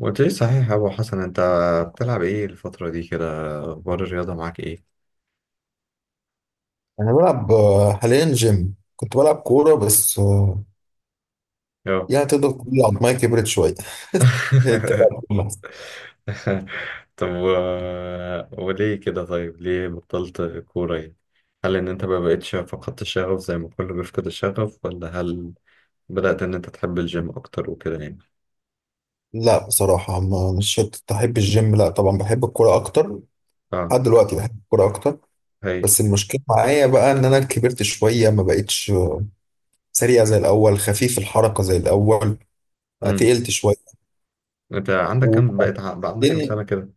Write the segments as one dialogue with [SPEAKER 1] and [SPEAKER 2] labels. [SPEAKER 1] قلت لي صحيح يا ابو حسن، انت بتلعب ايه الفترة دي كده؟ اخبار الرياضة معاك ايه؟
[SPEAKER 2] أنا بلعب حاليا جيم، كنت بلعب كورة بس
[SPEAKER 1] اه.
[SPEAKER 2] يعني تقدر تقول عظمايا كبرت شوية. تلعب كورة.
[SPEAKER 1] طب، وليه كده طيب؟ ليه بطلت كورة يعني؟ هل ان انت ما بقتش فقدت الشغف زي ما كله بيفقد الشغف، ولا هل بدأت ان انت تحب الجيم اكتر وكده يعني؟
[SPEAKER 2] لا بصراحة مش شرط أحب الجيم، لا طبعا بحب الكورة أكتر
[SPEAKER 1] اه،
[SPEAKER 2] لحد دلوقتي، بحب الكورة أكتر.
[SPEAKER 1] هايل.
[SPEAKER 2] بس المشكلة معايا بقى إن أنا كبرت شوية، ما بقتش سريع زي الأول، خفيف الحركة زي الأول، بقى
[SPEAKER 1] امم.
[SPEAKER 2] تقلت شوية.
[SPEAKER 1] انت عندك كام بقى عندك كام
[SPEAKER 2] وبعدين
[SPEAKER 1] سنة كده؟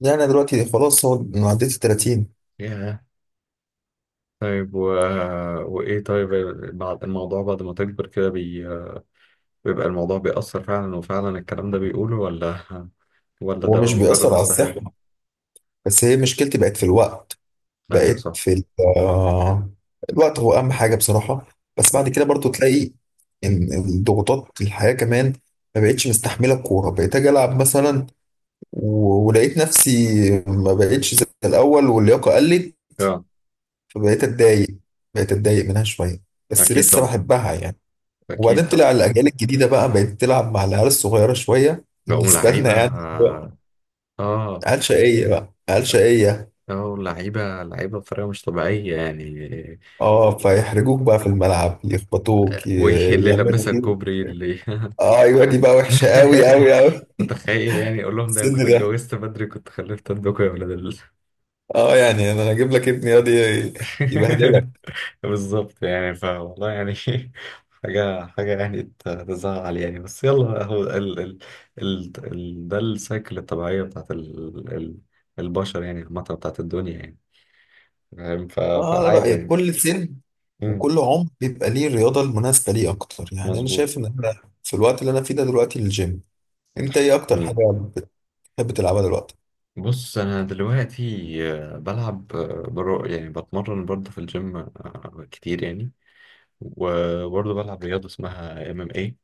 [SPEAKER 2] يعني أنا دلوقتي خلاص، هو أنا عديت ال 30
[SPEAKER 1] ياه. طيب، وايه طيب، بعد الموضوع، بعد ما تكبر كده بيبقى الموضوع بيأثر فعلا وفعلا الكلام ده بيقوله، ولا ده
[SPEAKER 2] ومش
[SPEAKER 1] بقى مجرد
[SPEAKER 2] بيأثر على
[SPEAKER 1] بس خيال؟
[SPEAKER 2] الصحة. بس هي مشكلتي بقت في الوقت،
[SPEAKER 1] ايوه
[SPEAKER 2] بقيت
[SPEAKER 1] صح.
[SPEAKER 2] في آه، الوقت هو اهم حاجه بصراحه. بس بعد كده برضو تلاقي ان الضغوطات الحياه كمان ما بقتش مستحمله الكوره، بقيت اجي العب مثلا ولقيت نفسي ما بقتش زي الاول واللياقه قلت،
[SPEAKER 1] اه.
[SPEAKER 2] فبقيت اتضايق، بقيت اتضايق منها شويه، بس
[SPEAKER 1] اكيد
[SPEAKER 2] لسه
[SPEAKER 1] طبعا،
[SPEAKER 2] بحبها يعني. وبعدين
[SPEAKER 1] اكيد طبعا.
[SPEAKER 2] طلع الاجيال الجديده بقى، بقت تلعب مع العيال الصغيره شويه
[SPEAKER 1] بقوا
[SPEAKER 2] بالنسبه لنا،
[SPEAKER 1] لعيبه.
[SPEAKER 2] يعني هو
[SPEAKER 1] اه.
[SPEAKER 2] عيال شقيه بقى، عيال شقيه.
[SPEAKER 1] اه، لعيبه لعيبه بطريقه مش طبيعيه يعني.
[SPEAKER 2] اه فيحرجوك بقى في الملعب، يخبطوك
[SPEAKER 1] واللي لبسها
[SPEAKER 2] يعملوا.
[SPEAKER 1] الكوبري اللي...
[SPEAKER 2] اه ايوه دي بقى وحشه قوي قوي قوي.
[SPEAKER 1] متخيل يعني؟ اقول لهم ده انا
[SPEAKER 2] السن
[SPEAKER 1] كنت
[SPEAKER 2] ده،
[SPEAKER 1] اتجوزت بدري، كنت خلفت عندكم يا ولاد ال...
[SPEAKER 2] اه يعني انا اجيب لك ابني يقعد يبهدلك.
[SPEAKER 1] بالظبط يعني، فوالله يعني. حاجة حاجة يعني تزعل يعني، بس يلا بقى، هو ال ال ال ال ده السايكل الطبيعية بتاعت ال ال البشر يعني، عامة بتاعت الدنيا يعني، فاهم؟
[SPEAKER 2] اه انا
[SPEAKER 1] فعادي
[SPEAKER 2] رايي
[SPEAKER 1] يعني.
[SPEAKER 2] كل سن
[SPEAKER 1] مم.
[SPEAKER 2] وكل عمر بيبقى ليه الرياضه المناسبه ليه اكتر، يعني انا
[SPEAKER 1] مظبوط.
[SPEAKER 2] شايف ان انا في الوقت اللي انا فيه ده دلوقتي الجيم. انت ايه اكتر حاجه
[SPEAKER 1] مم.
[SPEAKER 2] بتحب تلعبها دلوقتي؟
[SPEAKER 1] بص، أنا دلوقتي بلعب، برو يعني بتمرن برضه في الجيم كتير يعني، وبرضه بلعب رياضة اسمها MMA.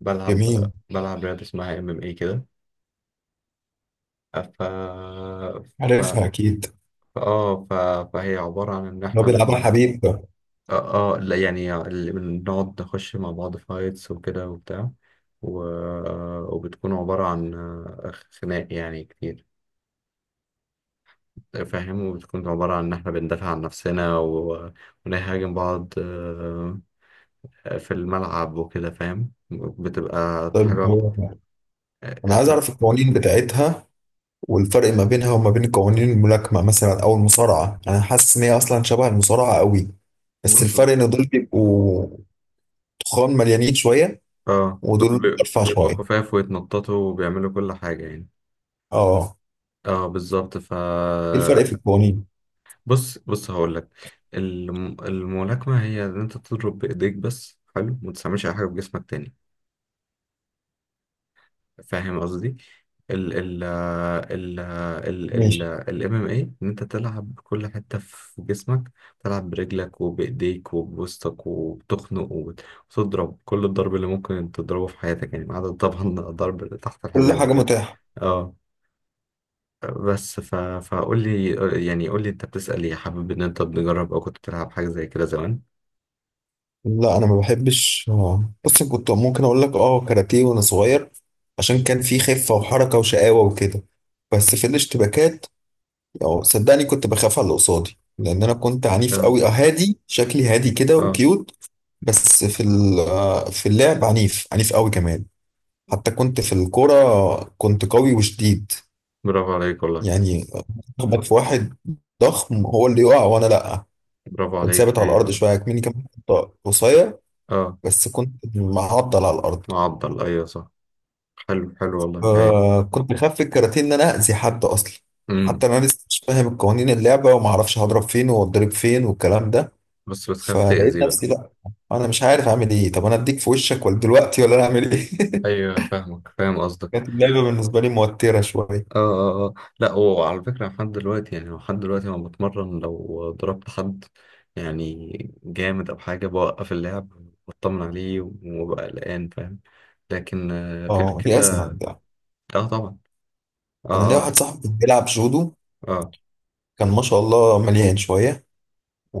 [SPEAKER 1] بلعب
[SPEAKER 2] جميل،
[SPEAKER 1] بلعب رياضة اسمها ام ام اي كده. ف
[SPEAKER 2] عارفها
[SPEAKER 1] ف
[SPEAKER 2] اكيد،
[SPEAKER 1] اه ف... فهي عبارة عن إن
[SPEAKER 2] لو
[SPEAKER 1] إحنا
[SPEAKER 2] بيلعبها
[SPEAKER 1] بن...
[SPEAKER 2] حبيب.
[SPEAKER 1] اه، لا يعني، اللي بنقعد نخش مع بعض فايتس وكده وبتاع، و... وبتكون عبارة عن خناق يعني كتير، فاهم؟ وبتكون عبارة عن إن إحنا بندافع عن نفسنا، ونهاجم بعض في الملعب وكده، فاهم؟ بتبقى
[SPEAKER 2] طب
[SPEAKER 1] حاجة.
[SPEAKER 2] هو- انا عايز
[SPEAKER 1] ف...
[SPEAKER 2] اعرف القوانين بتاعتها والفرق ما بينها وما بين قوانين الملاكمة مثلا أو المصارعة. أنا حاسس إن هي أصلا شبه المصارعة قوي، بس
[SPEAKER 1] بص،
[SPEAKER 2] الفرق إن دول بيبقوا تخان مليانين شوية
[SPEAKER 1] اه، دول
[SPEAKER 2] ودول أرفع
[SPEAKER 1] بيبقوا
[SPEAKER 2] شوية.
[SPEAKER 1] خفاف ويتنططوا وبيعملوا كل حاجة يعني.
[SPEAKER 2] أه،
[SPEAKER 1] اه بالظبط.
[SPEAKER 2] إيه الفرق في القوانين؟
[SPEAKER 1] بص بص، هقول لك. الملاكمه هي ان انت تضرب بايديك بس، حلو؟ ما تستعملش اي حاجه بجسمك تاني، فاهم قصدي؟ ال ال ال ال ال
[SPEAKER 2] ماشي.
[SPEAKER 1] الـMMA ان انت تلعب بكل حته في جسمك، تلعب برجلك وبايديك وبوسطك وبتخنق وتضرب كل الضرب اللي ممكن تضربه في حياتك يعني، ما عدا طبعا الضرب اللي تحت
[SPEAKER 2] كل
[SPEAKER 1] الحزام
[SPEAKER 2] حاجة
[SPEAKER 1] وكده.
[SPEAKER 2] متاحة.
[SPEAKER 1] آه. بس فقول لي يعني، قول لي، انت بتسأل ايه؟ حابب ان انت تجرب او كنت بتلعب حاجة زي كده زمان؟
[SPEAKER 2] لا أنا ما بحبش. بص كنت ممكن أقول لك أه كاراتيه وأنا صغير، عشان كان في خفة وحركة وشقاوة وكده. بس في الاشتباكات أو صدقني كنت بخاف على اللي قصادي، لأن أنا كنت عنيف
[SPEAKER 1] اه،
[SPEAKER 2] قوي. أه هادي شكلي، هادي كده
[SPEAKER 1] اه.
[SPEAKER 2] وكيوت، بس في في اللعب عنيف، عنيف قوي كمان. حتى كنت في الكورة كنت قوي وشديد،
[SPEAKER 1] برافو عليك والله.
[SPEAKER 2] يعني اخبط في واحد ضخم هو اللي يقع وانا لا،
[SPEAKER 1] برافو
[SPEAKER 2] كنت
[SPEAKER 1] عليك،
[SPEAKER 2] ثابت على
[SPEAKER 1] هايل
[SPEAKER 2] الارض.
[SPEAKER 1] والله.
[SPEAKER 2] شويه مني كمان كنت قصير،
[SPEAKER 1] اه.
[SPEAKER 2] بس كنت معضل على الارض.
[SPEAKER 1] معضل، ايوه صح. حلو حلو والله، هايل.
[SPEAKER 2] آه كنت خاف في الكاراتيه ان انا اذي حد اصلا،
[SPEAKER 1] امم.
[SPEAKER 2] حتى انا لسه مش فاهم قوانين اللعبه وما اعرفش هضرب فين واتضرب فين والكلام ده،
[SPEAKER 1] بس بتخاف
[SPEAKER 2] فلقيت
[SPEAKER 1] تأذي بقى.
[SPEAKER 2] نفسي لا انا مش عارف اعمل ايه، طب انا اديك في وشك ولا دلوقتي، ولا انا اعمل ايه؟
[SPEAKER 1] ايوه، فاهمك، فاهم قصدك.
[SPEAKER 2] كانت اللعبة بالنسبة لي موترة
[SPEAKER 1] اه،
[SPEAKER 2] شوية.
[SPEAKER 1] اه، اه. لا، وعلى فكرة، لحد دلوقتي يعني، لحد دلوقتي لما بتمرن لو ضربت حد يعني جامد او حاجة بوقف اللعب واطمن عليه وببقى قلقان، فاهم؟ لكن غير
[SPEAKER 2] اه دي
[SPEAKER 1] كده.
[SPEAKER 2] أزمة ده.
[SPEAKER 1] اه طبعا.
[SPEAKER 2] أنا ليا
[SPEAKER 1] اه، اه،
[SPEAKER 2] واحد صاحبي بيلعب جودو،
[SPEAKER 1] اه.
[SPEAKER 2] كان ما شاء الله مليان شوية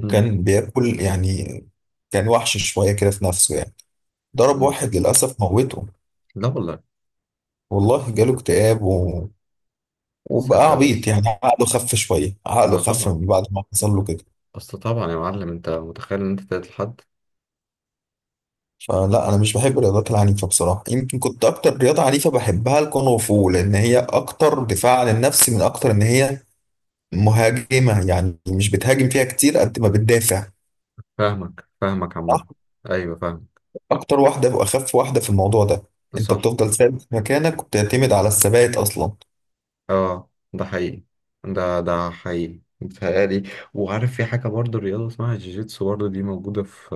[SPEAKER 1] مم.
[SPEAKER 2] بياكل يعني، كان وحش شوية كده في نفسه يعني، ضرب
[SPEAKER 1] مم.
[SPEAKER 2] واحد للأسف موته.
[SPEAKER 1] لا والله.
[SPEAKER 2] والله جاله اكتئاب و...
[SPEAKER 1] يا
[SPEAKER 2] وبقى
[SPEAKER 1] ساتر يا رب.
[SPEAKER 2] عبيط يعني، عقله خف شوية، عقله
[SPEAKER 1] لا
[SPEAKER 2] خف
[SPEAKER 1] طبعا.
[SPEAKER 2] من بعد ما حصل له كده.
[SPEAKER 1] اصل طبعا يا معلم، انت متخيل ان انت تقتل حد؟
[SPEAKER 2] فلا أنا مش بحب الرياضات العنيفة بصراحة. يمكن كنت أكتر رياضة عنيفة بحبها الكونغ فو، لأن هي أكتر دفاع عن النفس من أكتر إن هي مهاجمة، يعني مش بتهاجم فيها كتير قد ما بتدافع،
[SPEAKER 1] فاهمك فاهمك عامة.
[SPEAKER 2] صح؟
[SPEAKER 1] ايوه، فاهم.
[SPEAKER 2] أكتر واحدة وأخف واحدة في الموضوع ده، أنت
[SPEAKER 1] صح.
[SPEAKER 2] بتفضل ثابت في مكانك وبتعتمد على الثبات أصلا.
[SPEAKER 1] اه، ده حقيقي. ده حقيقي متهيألي. وعارف، في حاجة برضه رياضة اسمها جيجيتسو برضه، دي موجودة في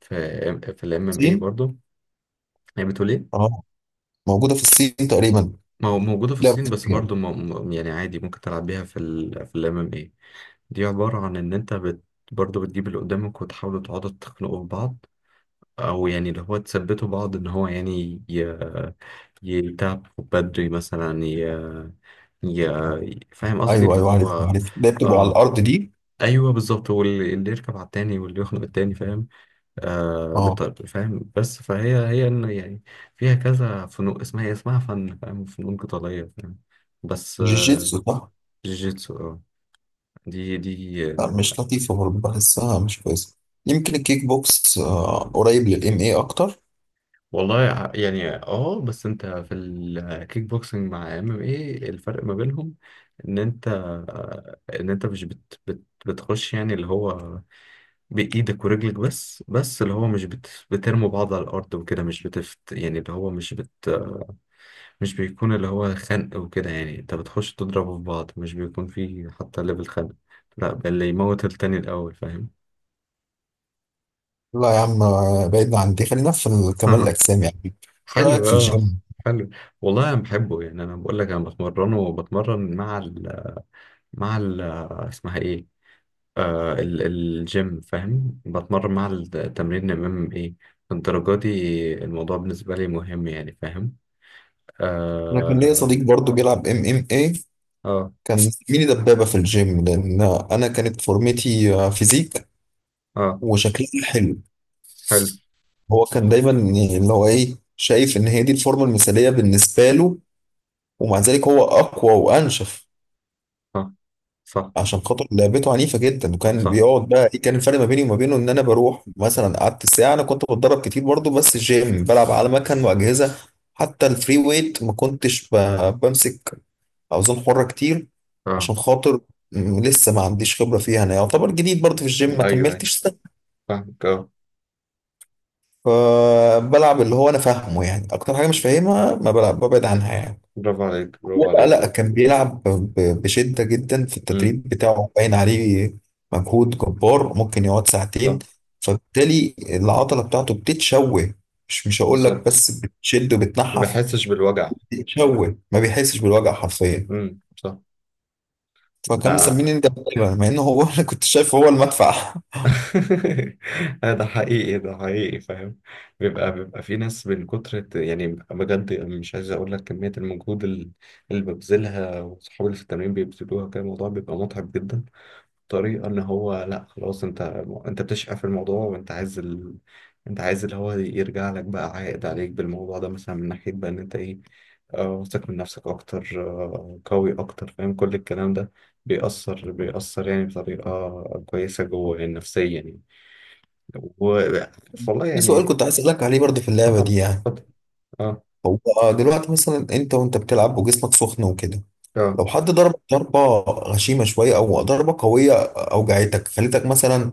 [SPEAKER 1] في الـMMA
[SPEAKER 2] الصين.
[SPEAKER 1] برضه. هي بتقول ايه؟
[SPEAKER 2] أه موجودة في الصين تقريبا.
[SPEAKER 1] موجودة في
[SPEAKER 2] لا
[SPEAKER 1] الصين،
[SPEAKER 2] مش
[SPEAKER 1] بس
[SPEAKER 2] يعني.
[SPEAKER 1] برضه يعني عادي ممكن تلعب بيها في في الـMMA. دي عبارة عن إن أنت برضه بتجيب اللي قدامك وتحاولوا تقعدوا تخنقوا في بعض، أو يعني اللي هو تثبتوا بعض إن هو يعني يتعب بدري مثلا، ي... فاهم قصدي
[SPEAKER 2] أيوه
[SPEAKER 1] اللي
[SPEAKER 2] أيوه عارف
[SPEAKER 1] هو.
[SPEAKER 2] عارف، ده بتبقوا على
[SPEAKER 1] آه،
[SPEAKER 2] الأرض دي.
[SPEAKER 1] أيوه، بالظبط. واللي اللي يركب على التاني واللي يخنق التاني، فاهم؟ آه
[SPEAKER 2] أه
[SPEAKER 1] فاهم، بس فهي إن يعني فيها كذا فنون، اسمها، هي اسمها فن، فاهم؟ فنون قتالية فاهم. بس
[SPEAKER 2] جيجيتسو صح.
[SPEAKER 1] جيجيتسو آه. دي.
[SPEAKER 2] لا، مش لطيفة برضه، بحسها مش كويسة. يمكن الكيك بوكس قريب للإم إيه أكتر.
[SPEAKER 1] والله، يعني اه، بس انت في الكيك بوكسنج مع MM، ايه الفرق ما بينهم؟ ان انت ان انت مش بت بت بتخش يعني اللي هو بايدك ورجلك بس اللي هو مش بترموا بعض على الارض وكده، مش بتفت يعني اللي هو مش بيكون اللي هو خنق وكده يعني، انت بتخش تضربوا في بعض، مش بيكون في حتى ليفل خنق، لا بل اللي يموت التاني الاول، فاهم؟
[SPEAKER 2] لا يا عم بعيدنا عن دي، خلينا في كمال الأجسام، يعني إيه رأيك
[SPEAKER 1] حلو
[SPEAKER 2] في
[SPEAKER 1] اه.
[SPEAKER 2] الجيم؟
[SPEAKER 1] حلو. والله انا بحبه يعني، انا بقول لك انا بتمرنه وبتمرن مع اسمها ايه، ال الجيم، فاهم؟ بتمرن مع التمرين امام ايه الدرجة دي، الموضوع بالنسبة لي مهم يعني، فاهم؟
[SPEAKER 2] أنا كان ليا
[SPEAKER 1] اه،
[SPEAKER 2] صديق برضه بيلعب إم إم إيه،
[SPEAKER 1] اه،
[SPEAKER 2] كان زميلي دبابة في الجيم، لأن أنا كانت فورمتي فيزيك
[SPEAKER 1] اه.
[SPEAKER 2] وشكلي حلو.
[SPEAKER 1] حلو
[SPEAKER 2] هو كان دايما يعني اللي هو إيه، شايف إن هي دي الفورمة المثالية بالنسبة له، ومع ذلك هو أقوى وأنشف
[SPEAKER 1] اه. صح،
[SPEAKER 2] عشان خاطر لعبته عنيفة جدا. وكان
[SPEAKER 1] صح.
[SPEAKER 2] بيقعد بقى، إيه كان الفرق ما بيني وما بينه، إن أنا بروح مثلا قعدت ساعة، أنا كنت بتدرب كتير برضه بس جيم، بلعب على مكن وأجهزة، حتى الفري ويت ما كنتش بمسك اوزان حرة كتير
[SPEAKER 1] اه،
[SPEAKER 2] عشان خاطر لسه ما عنديش خبرة فيها، انا يعتبر جديد برضه في الجيم، ما
[SPEAKER 1] ايوه، ايوه،
[SPEAKER 2] كملتش سنة،
[SPEAKER 1] فاهمك، اه.
[SPEAKER 2] فبلعب اللي هو انا فاهمه يعني، اكتر حاجة مش فاهمها ما بلعب، ببعد عنها يعني.
[SPEAKER 1] برافو عليك،
[SPEAKER 2] هو
[SPEAKER 1] برافو
[SPEAKER 2] بقى
[SPEAKER 1] عليك
[SPEAKER 2] لا،
[SPEAKER 1] والله.
[SPEAKER 2] كان بيلعب بشدة جدا في
[SPEAKER 1] امم
[SPEAKER 2] التدريب بتاعه، باين عليه مجهود جبار، ممكن يقعد ساعتين،
[SPEAKER 1] صح.
[SPEAKER 2] فبالتالي العضلة بتاعته بتتشوه، مش هقول لك
[SPEAKER 1] بالظبط،
[SPEAKER 2] بس بتشد
[SPEAKER 1] ما
[SPEAKER 2] وبتنحف،
[SPEAKER 1] بحسش بالوجع.
[SPEAKER 2] بتتشوه، ما بيحسش بالوجع حرفيا.
[SPEAKER 1] صح.
[SPEAKER 2] فكان
[SPEAKER 1] لا.
[SPEAKER 2] مسميني ده، مع ان هو انا كنت شايف هو المدفع.
[SPEAKER 1] ده حقيقي، ده حقيقي، فاهم؟ بيبقى في ناس من كتر، يعني بجد، مش عايز اقول لك كمية المجهود اللي ببذلها وصحابي اللي في التمرين بيبذلوها، كان الموضوع بيبقى متعب جدا. طريقة ان هو، لا خلاص، انت بتشقى في الموضوع وانت عايز انت عايز اللي هو يرجع لك بقى عائد عليك بالموضوع ده، مثلا من ناحية بقى ان انت ايه، واثق من نفسك اكتر، قوي اكتر، فاهم؟ كل الكلام ده بيأثر يعني بطريقة كويسة جوه يعني نفسيا يعني. و والله
[SPEAKER 2] في سؤال
[SPEAKER 1] يعني.
[SPEAKER 2] كنت عايز اسالك عليه برضه في
[SPEAKER 1] اه
[SPEAKER 2] اللعبه دي
[SPEAKER 1] طبعا،
[SPEAKER 2] يعني،
[SPEAKER 1] اتفضل. اه،
[SPEAKER 2] هو دلوقتي مثلا انت وانت بتلعب وجسمك سخن وكده،
[SPEAKER 1] اه.
[SPEAKER 2] لو حد ضربك ضربه غشيمه شويه او ضربه قويه، اوجعتك خليتك مثلا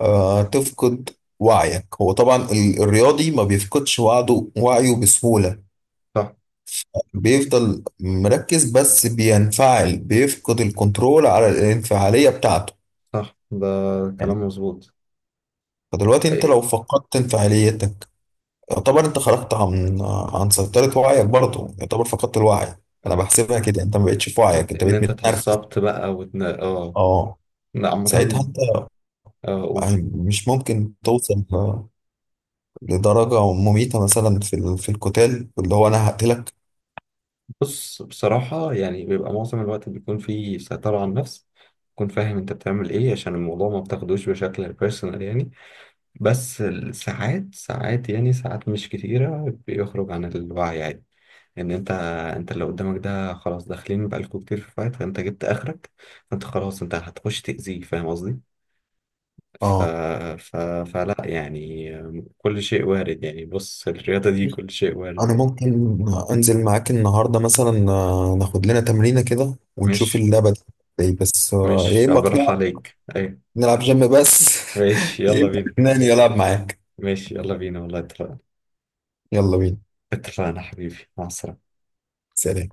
[SPEAKER 2] آه تفقد وعيك. هو طبعا الرياضي ما بيفقدش وعده، وعيه بسهوله،
[SPEAKER 1] صح،
[SPEAKER 2] بيفضل مركز، بس بينفعل، بيفقد الكنترول على الانفعاليه بتاعته
[SPEAKER 1] صح، ده كلام
[SPEAKER 2] يعني.
[SPEAKER 1] مظبوط.
[SPEAKER 2] فدلوقتي انت لو
[SPEAKER 1] إيه،
[SPEAKER 2] فقدت انفعاليتك، يعتبر انت خرجت عن عن سيطرة وعيك، برضه يعتبر فقدت الوعي. انا بحسبها كده، انت ما بقتش في وعيك، انت
[SPEAKER 1] إن
[SPEAKER 2] بقيت
[SPEAKER 1] انت
[SPEAKER 2] متنرفز.
[SPEAKER 1] اتعصبت بقى، اه.
[SPEAKER 2] اه
[SPEAKER 1] لا،
[SPEAKER 2] ساعتها
[SPEAKER 1] عامة
[SPEAKER 2] انت
[SPEAKER 1] اقول.
[SPEAKER 2] يعني، مش ممكن توصل لدرجة مميتة مثلا في في القتال اللي هو انا هقتلك؟
[SPEAKER 1] بص، بصراحة يعني، بيبقى معظم الوقت بيكون فيه سيطرة على النفس، تكون فاهم انت بتعمل ايه، عشان الموضوع ما بتاخدوش بشكل بيرسونال يعني. بس ساعات، ساعات يعني، ساعات مش كتيرة بيخرج عن الوعي عادي، ان انت انت اللي قدامك ده خلاص، داخلين بقالكوا كتير في فايت، فانت جبت اخرك، فانت خلاص انت هتخش تأذيه، فاهم قصدي؟ ف...
[SPEAKER 2] اه
[SPEAKER 1] ف... فلا يعني، كل شيء وارد يعني، بص الرياضة دي كل شيء وارد.
[SPEAKER 2] انا ممكن انزل معاك النهاردة مثلا ناخد لنا تمرينة كده ونشوف
[SPEAKER 1] مش
[SPEAKER 2] اللعبة دي. إيه، بس يا
[SPEAKER 1] مش
[SPEAKER 2] اما
[SPEAKER 1] أبرح
[SPEAKER 2] اقنعك
[SPEAKER 1] عليك، ايوه.
[SPEAKER 2] نلعب جيم بس،
[SPEAKER 1] ماشي،
[SPEAKER 2] يا
[SPEAKER 1] يلا
[SPEAKER 2] اما
[SPEAKER 1] بينا.
[SPEAKER 2] تقنعني العب معاك.
[SPEAKER 1] ماشي، يلا بينا والله، اتفقنا.
[SPEAKER 2] يلا بينا.
[SPEAKER 1] اتفقنا حبيبي، مع السلامة.
[SPEAKER 2] سلام.